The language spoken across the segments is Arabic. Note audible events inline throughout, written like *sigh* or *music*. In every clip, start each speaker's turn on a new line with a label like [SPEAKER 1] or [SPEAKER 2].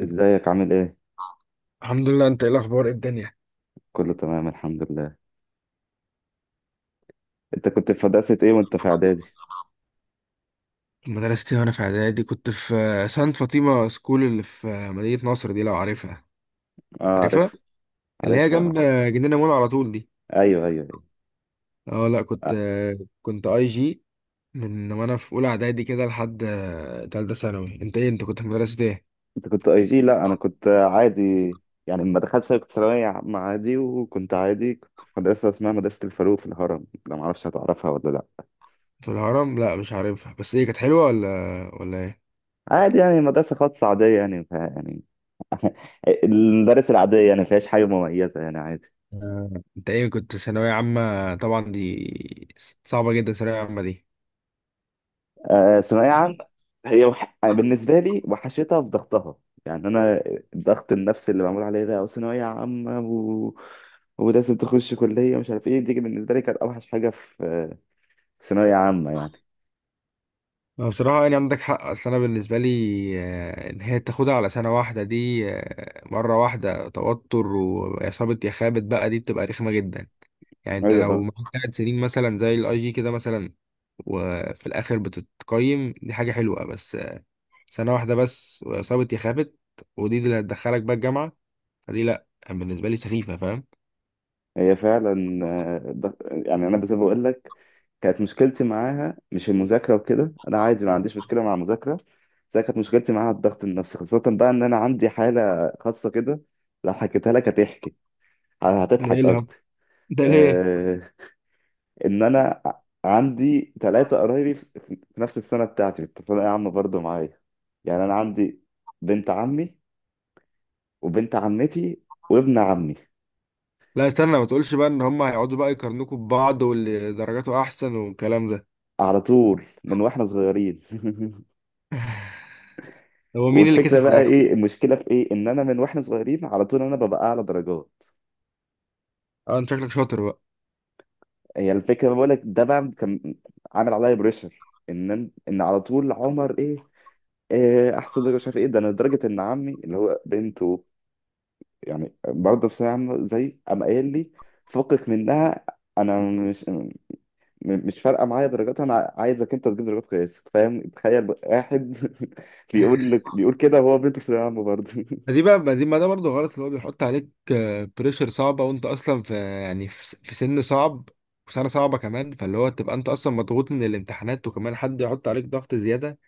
[SPEAKER 1] ازيك عامل ايه؟
[SPEAKER 2] الحمد لله. انت ايه الاخبار؟ ايه الدنيا؟
[SPEAKER 1] كله تمام الحمد لله. انت كنت في مدرسة ايه وانت في اعدادي؟
[SPEAKER 2] مدرستي وانا في اعدادي كنت في سانت فاطمه سكول، اللي في مدينه نصر دي، لو عارفها.
[SPEAKER 1] اه
[SPEAKER 2] عارفها،
[SPEAKER 1] عارفها.
[SPEAKER 2] اللي هي
[SPEAKER 1] عارفها.
[SPEAKER 2] جنب جنينه مول على طول دي.
[SPEAKER 1] ايوه ايوه ايوه.
[SPEAKER 2] اه، لا كنت
[SPEAKER 1] آه.
[SPEAKER 2] آه، كنت اي جي من وانا في اولى اعدادي كده لحد تالتة ثانوي. انت ايه؟ انت كنت في مدرسه ايه؟
[SPEAKER 1] انت كنت اي جي؟ لا انا كنت عادي. يعني لما دخلت ثانوي كنت ثانوية عامة عادي، وكنت عادي كنت في مدرسة اسمها مدرسة الفاروق في الهرم، لا معرفش هتعرفها ولا لا.
[SPEAKER 2] في الهرم؟ لا مش عارفها. بس ايه، كانت حلوه ولا؟ ولا ايه؟
[SPEAKER 1] عادي، يعني مدرسة خاصة عادية يعني يعني المدارس العادية يعني ما فيهاش حاجة مميزة يعني عادي.
[SPEAKER 2] آه. انت ايه كنت ثانويه عامه؟ طبعا دي صعبه جدا، ثانويه عامه دي.
[SPEAKER 1] ثانوية عامة. أنا بالنسبة لي وحشتها في ضغطها. يعني أنا الضغط النفسي اللي معمول عليا ده وثانوية عامة ولازم تخش كلية مش عارف إيه، دي بالنسبة لي كانت أوحش حاجة في في ثانوية عامة يعني.
[SPEAKER 2] ما بصراحة يعني عندك حق. أصل أنا بالنسبة لي إن هي تاخدها على سنة واحدة دي مرة واحدة، توتر وإصابة يا خابت بقى، دي بتبقى رخمة جدا. يعني أنت لو
[SPEAKER 1] أيوه
[SPEAKER 2] معاك 3 سنين مثلا زي الأي جي كده مثلا، وفي الآخر بتتقيم، دي حاجة حلوة. بس سنة واحدة بس وإصابة يا خابت، ودي اللي هتدخلك بقى الجامعة، فدي لأ، يعني بالنسبة لي سخيفة. فاهم؟
[SPEAKER 1] هي فعلا. يعني أنا بس بقول لك كانت مشكلتي معاها مش المذاكرة وكده، أنا عادي ما عنديش مشكلة مع المذاكرة. بس أنا كانت مشكلتي معاها الضغط النفسي، خاصة بقى إن أنا عندي حالة خاصة كده. لو حكيتها لك هتحكي
[SPEAKER 2] ده إيه
[SPEAKER 1] هتضحك
[SPEAKER 2] الهبل
[SPEAKER 1] قصدي.
[SPEAKER 2] ده؟ ليه؟
[SPEAKER 1] آه، ان انا عندي ثلاثه قرايبي في في نفس السنه بتاعتي في الثانويه عامه برضه معايا. يعني انا عندي بنت عمي، وبنت عمتي، وابن عمي
[SPEAKER 2] لا استنى، ما تقولش بقى إن هما هيقعدوا بقى يقارنوكوا ببعض، واللي درجاته أحسن والكلام ده.
[SPEAKER 1] على طول من واحنا صغيرين *laughs*
[SPEAKER 2] هو مين اللي كسب
[SPEAKER 1] والفكره
[SPEAKER 2] في
[SPEAKER 1] بقى
[SPEAKER 2] الآخر؟
[SPEAKER 1] ايه، المشكله في ايه ان انا من واحنا صغيرين على طول انا ببقى اعلى درجات.
[SPEAKER 2] اه، انت شكلك شاطر بقى.
[SPEAKER 1] هي الفكره بقول لك ده بقى كان عامل عليا بريشر ان على طول عمر ايه إيه، احسن درجه مش عارف ايه ده، انا لدرجه ان عمي اللي هو بنته يعني برضه في ثانوية عامة زي، قام قايل لي فكك منها. انا مش م- مش فارقه معايا درجات، انا عايزك انت تجيب درجات كويسه، فاهم؟ تخيل واحد *laughs* بيقول لك بيقول كده وهو بنت في ثانويه عامه برضه *laughs*
[SPEAKER 2] ما ده برضه غلط، اللي هو بيحط عليك بريشر صعبة، وانت اصلا في، يعني في سن صعب وسنة صعبة كمان، فاللي هو تبقى انت اصلا مضغوط من الامتحانات وكمان حد يحط عليك ضغط زيادة،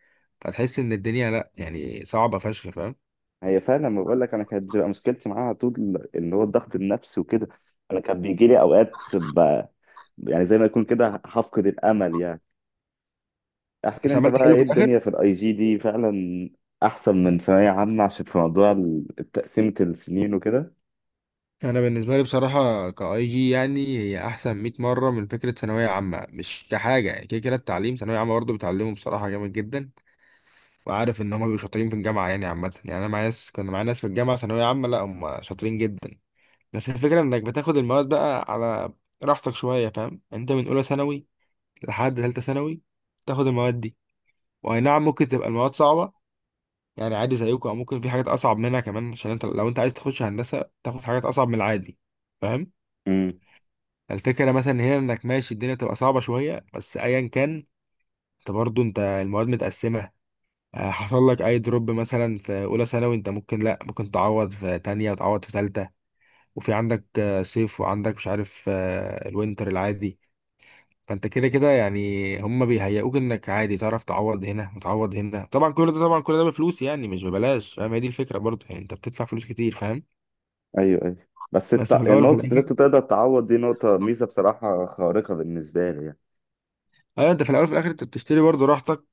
[SPEAKER 2] فتحس ان الدنيا لا يعني صعبة فشخ. فاهم؟
[SPEAKER 1] هي فعلا، لما بقول لك انا كانت بتبقى مشكلتي معاها طول اللي هو الضغط النفسي وكده. انا كان بيجي لي اوقات يعني زي ما يكون كده هفقد الامل يعني. احكي لي
[SPEAKER 2] بس
[SPEAKER 1] انت
[SPEAKER 2] عملت
[SPEAKER 1] بقى
[SPEAKER 2] حلو
[SPEAKER 1] ايه
[SPEAKER 2] في الاخر.
[SPEAKER 1] الدنيا في الاي جي دي فعلا احسن من ثانويه عامه عشان في موضوع تقسيمه السنين وكده.
[SPEAKER 2] انا بالنسبة لي بصراحة كاي جي يعني هي احسن 100 مرة من فكرة ثانوية عامة. مش كحاجة يعني، كده كده التعليم ثانوية عامة برضه بتعلمه بصراحة جامد جدا، وعارف ان هم بيبقوا شاطرين في الجامعه يعني. عامه يعني انا معايا ناس، كان معايا ناس في الجامعه ثانويه عامه، لا هم شاطرين جدا. بس الفكره انك بتاخد المواد بقى على راحتك شويه. فاهم؟ انت من اولى ثانوي لحد ثالثه ثانوي تاخد المواد دي، واي نعم ممكن تبقى المواد صعبه يعني عادي زيكم، او ممكن في حاجات اصعب منها كمان، عشان انت لو انت عايز تخش هندسه تاخد حاجات اصعب من العادي. فاهم؟ الفكره مثلا هنا انك ماشي، الدنيا تبقى صعبه شويه، بس ايا كان انت برضه، انت المواد متقسمه. حصل لك اي دروب مثلا في اولى ثانوي، انت ممكن، لا ممكن تعوض في تانية وتعوض في تالتة. وفي عندك صيف، وعندك مش عارف الوينتر العادي. فانت كده كده يعني هم بيهيئوك انك عادي تعرف تعوض هنا وتعوض هنا. طبعا كل ده، طبعا كل ده بفلوس، يعني مش ببلاش. فاهم؟ هي دي الفكرة برضه، يعني انت بتدفع فلوس كتير. فاهم؟
[SPEAKER 1] ايوه ايوه. بس
[SPEAKER 2] بس في الاول وفي
[SPEAKER 1] النقطة اللي
[SPEAKER 2] الاخر،
[SPEAKER 1] انت تقدر تعوض دي نقطة ميزة بصراحة خارقة بالنسبة لي يعني.
[SPEAKER 2] ايوه انت في الاول وفي الاخر انت بتشتري برضه راحتك،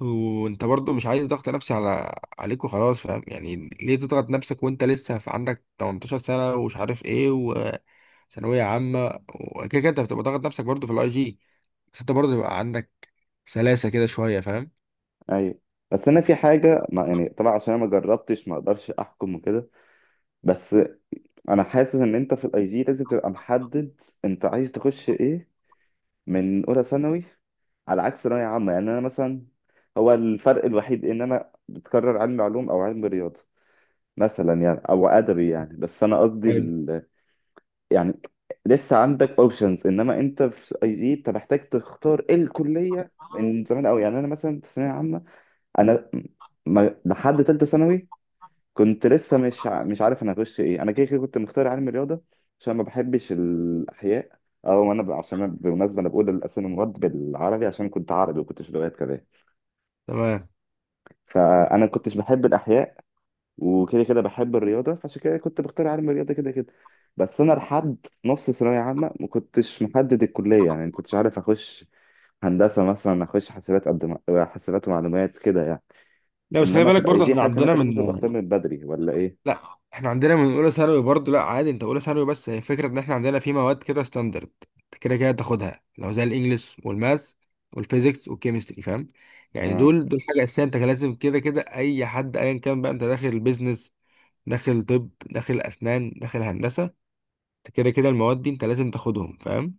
[SPEAKER 2] وانت برضه مش عايز ضغط نفسي على عليك وخلاص. فاهم يعني؟ ليه تضغط نفسك وانت لسه في عندك 18 سنه ومش عارف ايه وثانويه عامه؟ وكده كده انت بتبقى ضاغط نفسك برضه في الاي جي، بس انت برضه يبقى عندك سلاسه كده شويه. فاهم؟
[SPEAKER 1] ايوه. بس انا في حاجة ما يعني، طبعا عشان انا ما جربتش ما اقدرش احكم وكده، بس انا حاسس ان انت في الاي جي لازم تبقى محدد انت عايز تخش ايه من اولى ثانوي، على عكس ثانوية عامة. يعني انا مثلا هو الفرق الوحيد ان انا بتكرر علم علوم او علم رياضة مثلا يعني، او ادبي يعني. بس انا قصدي
[SPEAKER 2] حلو.
[SPEAKER 1] يعني لسه عندك اوبشنز، انما انت في اي جي انت محتاج تختار ايه الكليه من زمان قوي. يعني انا مثلا في ثانويه عامه انا ما لحد ثالثه ثانوي كنت لسه مش عارف انا هخش ايه، انا كده كده كنت مختار علم الرياضه عشان ما بحبش الاحياء. عشان أنا بالمناسبه انا بقول الاسامي المواد بالعربي عشان كنت عربي وكنتش لغات كمان.
[SPEAKER 2] تمام.
[SPEAKER 1] فانا كنتش بحب الاحياء وكده كده بحب الرياضه، فعشان كده كنت بختار علم الرياضه كده كده. بس انا لحد نص ثانويه عامه ما كنتش محدد الكليه، يعني ما كنتش عارف اخش هندسه مثلا اخش حاسبات قد ما حاسبات ومعلومات كده يعني.
[SPEAKER 2] لا بس خلي
[SPEAKER 1] انما في
[SPEAKER 2] بالك
[SPEAKER 1] الاي
[SPEAKER 2] برضه،
[SPEAKER 1] جي
[SPEAKER 2] احنا
[SPEAKER 1] حاسس ان
[SPEAKER 2] عندنا
[SPEAKER 1] انت
[SPEAKER 2] من،
[SPEAKER 1] لازم تبقى اختار من بدري ولا ايه؟
[SPEAKER 2] لا احنا عندنا من اولى ثانوي برضه، لا عادي انت اولى ثانوي. بس هي فكره ان احنا عندنا في مواد كده ستاندرد، انت كده كده تاخدها، لو زي الانجليش والماث والفيزيكس والكيمستري. فاهم؟ يعني
[SPEAKER 1] اه
[SPEAKER 2] دول دول حاجه اساسيه، انت كان لازم كده كده اي حد ايا كان بقى، انت داخل البيزنس، داخل طب، داخل اسنان، داخل هندسه، انت كده كده المواد دي انت لازم تاخدهم. فاهم؟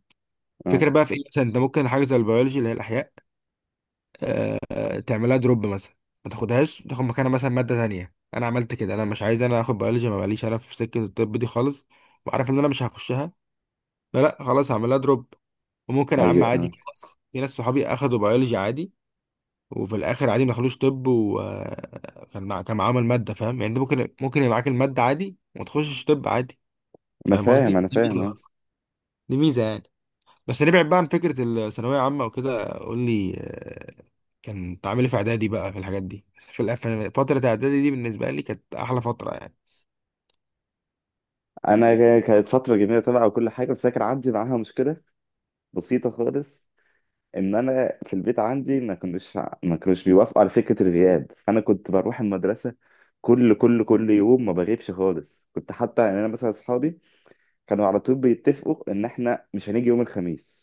[SPEAKER 1] اه
[SPEAKER 2] فكره بقى في ايه، مثلا انت ممكن حاجه زي البيولوجي اللي هي الاحياء، تعملها دروب مثلا، ما تاخدهاش، تاخد مكانها مثلا ماده تانية. انا عملت كده، انا مش عايز انا اخد بيولوجي، ما بقاليش انا في سكه الطب دي خالص، وعارف ان انا مش هخشها. لا لا، خلاص هعملها دروب. وممكن يا عم
[SPEAKER 1] ايوه
[SPEAKER 2] عادي،
[SPEAKER 1] اه.
[SPEAKER 2] في ناس صحابي اخدوا بيولوجي عادي، وفي الاخر عادي ما دخلوش طب، وكان مع... كان معاهم الماده. فاهم يعني؟ انت ممكن يبقى معاك الماده عادي وما تخشش طب عادي.
[SPEAKER 1] انا
[SPEAKER 2] فاهم
[SPEAKER 1] فاهم
[SPEAKER 2] قصدي؟
[SPEAKER 1] انا
[SPEAKER 2] دي
[SPEAKER 1] فاهم
[SPEAKER 2] ميزه،
[SPEAKER 1] اه.
[SPEAKER 2] دي ميزه يعني. بس نبعد بقى عن فكرة الثانوية عامة وكده. قول لي، كان تعاملي في إعدادي بقى في الحاجات دي، في فترة إعدادي دي، بالنسبة لي كانت أحلى فترة يعني.
[SPEAKER 1] كانت فتره جميله طبعا وكل حاجه، بس أنا كان عندي معاها مشكله بسيطه خالص ان انا في البيت عندي ما كانوش بيوافقوا على فكره الغياب، فانا كنت بروح المدرسه كل يوم ما بغيبش خالص. كنت حتى يعني انا مثلا اصحابي كانوا على طول بيتفقوا ان احنا مش هنيجي يوم الخميس،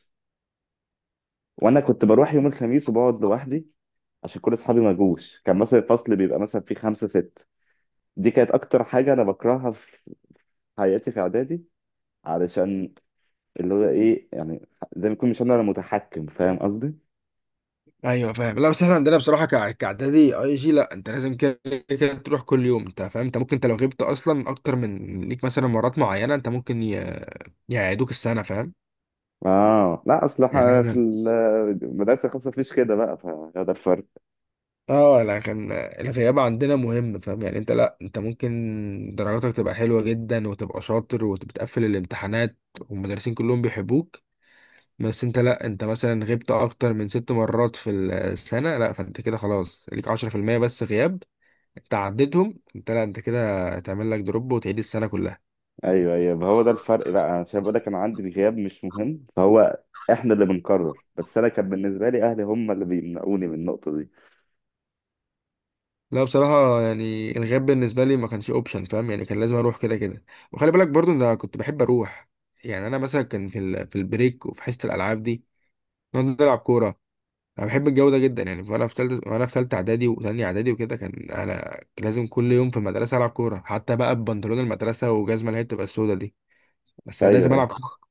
[SPEAKER 1] وانا كنت بروح يوم الخميس وبقعد لوحدي عشان كل اصحابي ما جوش، كان مثلا الفصل بيبقى مثلا فيه خمسة ستة. دي كانت اكتر حاجة انا بكرهها في حياتي في اعدادي، علشان اللي هو ايه يعني زي ما يكون مش انا اللي متحكم، فاهم قصدي؟
[SPEAKER 2] أيوه فاهم. لا بس إحنا عندنا بصراحة، كإعدادي أي جي، لا أنت لازم كده كده تروح كل يوم، أنت فاهم؟ أنت ممكن، أنت لو غبت أصلا أكتر من ليك مثلا مرات معينة، أنت ممكن يعيدوك السنة. فاهم؟
[SPEAKER 1] اه لا اصل
[SPEAKER 2] يعني
[SPEAKER 1] إحنا في
[SPEAKER 2] إحنا،
[SPEAKER 1] المدرسه الخاصه مفيش كده بقى، فهو ده الفرق.
[SPEAKER 2] اه لا، كان الغياب عندنا مهم. فاهم يعني؟ انت لا، انت ممكن درجاتك تبقى حلوة جدا وتبقى شاطر وبتقفل الامتحانات والمدرسين كلهم بيحبوك، بس انت لا، انت مثلا غبت اكتر من ست مرات في السنة، لا فانت كده خلاص ليك 10% بس غياب، انت عديتهم، انت لا، انت كده هتعمل لك دروب وتعيد السنة كلها.
[SPEAKER 1] ايوه ايوه، ما هو ده الفرق بقى انا شايف بقول لك انا عندي الغياب مش مهم، فهو احنا اللي بنقرر بس انا كان بالنسبه لي اهلي هم اللي بيمنعوني من النقطه دي.
[SPEAKER 2] لا بصراحة يعني الغياب بالنسبة لي ما كانش اوبشن. فاهم يعني؟ كان لازم اروح كده كده. وخلي بالك برضو ان انا كنت بحب اروح. يعني انا مثلا كان في البريك وفي حصة الالعاب دي، نقعد نلعب كورة. انا بحب الجو ده جدا يعني. فانا في ثالثه، وانا في ثالثه اعدادي وثانيه اعدادي وكده، كان انا لازم كل يوم في المدرسه العب كوره، حتى بقى ببنطلون المدرسه وجزمه اللي هي بتبقى السودا دي، بس أنا
[SPEAKER 1] ايوه
[SPEAKER 2] لازم العب
[SPEAKER 1] ايوه.
[SPEAKER 2] كوره.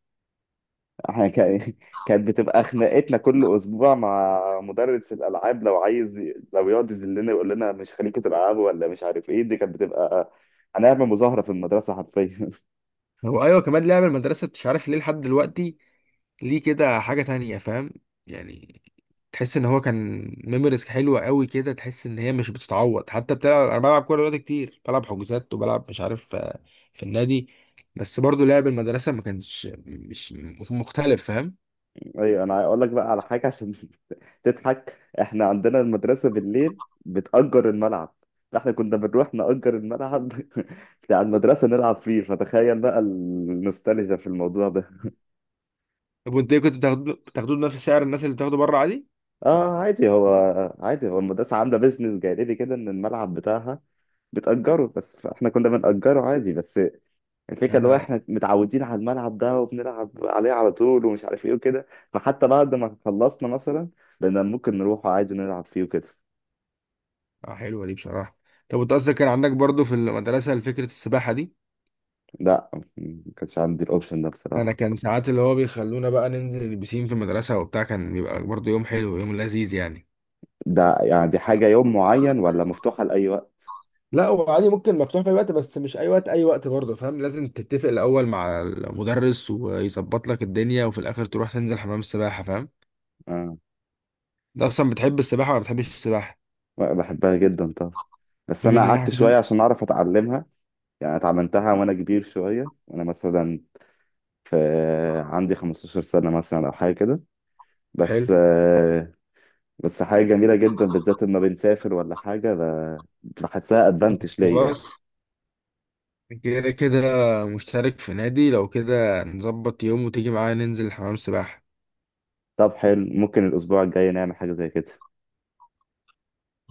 [SPEAKER 1] احنا كان *laughs* كانت بتبقى خناقتنا كل اسبوع مع مدرس الالعاب، لو عايز لو يقعد يذلنا يقول لنا مش خليكم تلعبوا ولا مش عارف ايه، دي كانت بتبقى هنعمل مظاهره في المدرسه حرفيا.
[SPEAKER 2] هو ايوه، كمان لعب المدرسه مش عارف ليه لحد دلوقتي ليه كده حاجه تانية. فاهم يعني؟ تحس ان هو كان ميموريز حلوه قوي كده، تحس ان هي مش بتتعوض. حتى بتلعب، انا بلعب كوره دلوقتي كتير، بلعب حجوزات، وبلعب مش عارف في النادي، بس برضو لعب المدرسه ما كانش مش مختلف. فاهم؟
[SPEAKER 1] *laughs* ايوه انا هقول لك بقى على حاجه عشان تضحك. احنا عندنا المدرسة بالليل بتأجر الملعب، فاحنا كنا بنروح نأجر الملعب *laughs* بتاع المدرسة نلعب فيه، فتخيل بقى النوستالجيا في الموضوع ده.
[SPEAKER 2] طب وانت إيه كنت بتاخدوه بنفس سعر الناس اللي بتاخده بره عادي؟
[SPEAKER 1] اه عادي هو، عادي هو المدرسة عاملة بيزنس جانبي كده ان الملعب بتاعها بتأجره بس، فاحنا كنا بنأجره عادي. بس الفكرة اللي هو
[SPEAKER 2] اه.
[SPEAKER 1] احنا متعودين على الملعب ده وبنلعب عليه على طول ومش عارف ايه وكده، فحتى بعد ما خلصنا مثلا بقينا ممكن نروح عادي نلعب فيه وكده.
[SPEAKER 2] حلوه دي بصراحه. طب وانت قصدك كان عندك برضو في المدرسه فكره السباحه دي؟
[SPEAKER 1] لا ما كانش عندي الاوبشن ده
[SPEAKER 2] انا
[SPEAKER 1] بصراحة.
[SPEAKER 2] كان ساعات اللي هو بيخلونا بقى ننزل البسين في المدرسه وبتاع، كان بيبقى برضه يوم حلو، يوم لذيذ يعني.
[SPEAKER 1] ده يعني دي حاجة يوم معين ولا مفتوحة لأي وقت؟
[SPEAKER 2] لا، وعادي ممكن مفتوح في اي وقت، بس مش اي وقت اي وقت برضه، فاهم؟ لازم تتفق الاول مع المدرس ويظبط لك الدنيا، وفي الاخر تروح تنزل حمام السباحه. فاهم؟
[SPEAKER 1] آه.
[SPEAKER 2] انت اصلا بتحب السباحه ولا بتحبش السباحه؟
[SPEAKER 1] بحبها جدا طبعا. بس
[SPEAKER 2] بما
[SPEAKER 1] أنا
[SPEAKER 2] اننا
[SPEAKER 1] قعدت شوية
[SPEAKER 2] كده،
[SPEAKER 1] عشان أعرف أتعلمها، يعني اتعلمتها وأنا كبير شوية وأنا مثلا في عندي 15 سنة مثلا أو حاجة كده،
[SPEAKER 2] حلو
[SPEAKER 1] بس بس حاجة جميلة جدا بالذات لما بنسافر ولا حاجة بحسها أدفانتج ليا يعني.
[SPEAKER 2] خلاص، كده كده مشترك في نادي، لو كده نظبط يوم وتيجي معايا ننزل حمام السباحه.
[SPEAKER 1] طب حلو ممكن الأسبوع الجاي نعمل حاجة زي كده.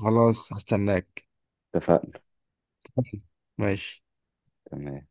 [SPEAKER 2] خلاص، هستناك.
[SPEAKER 1] اتفقنا.
[SPEAKER 2] ماشي.
[SPEAKER 1] تمام.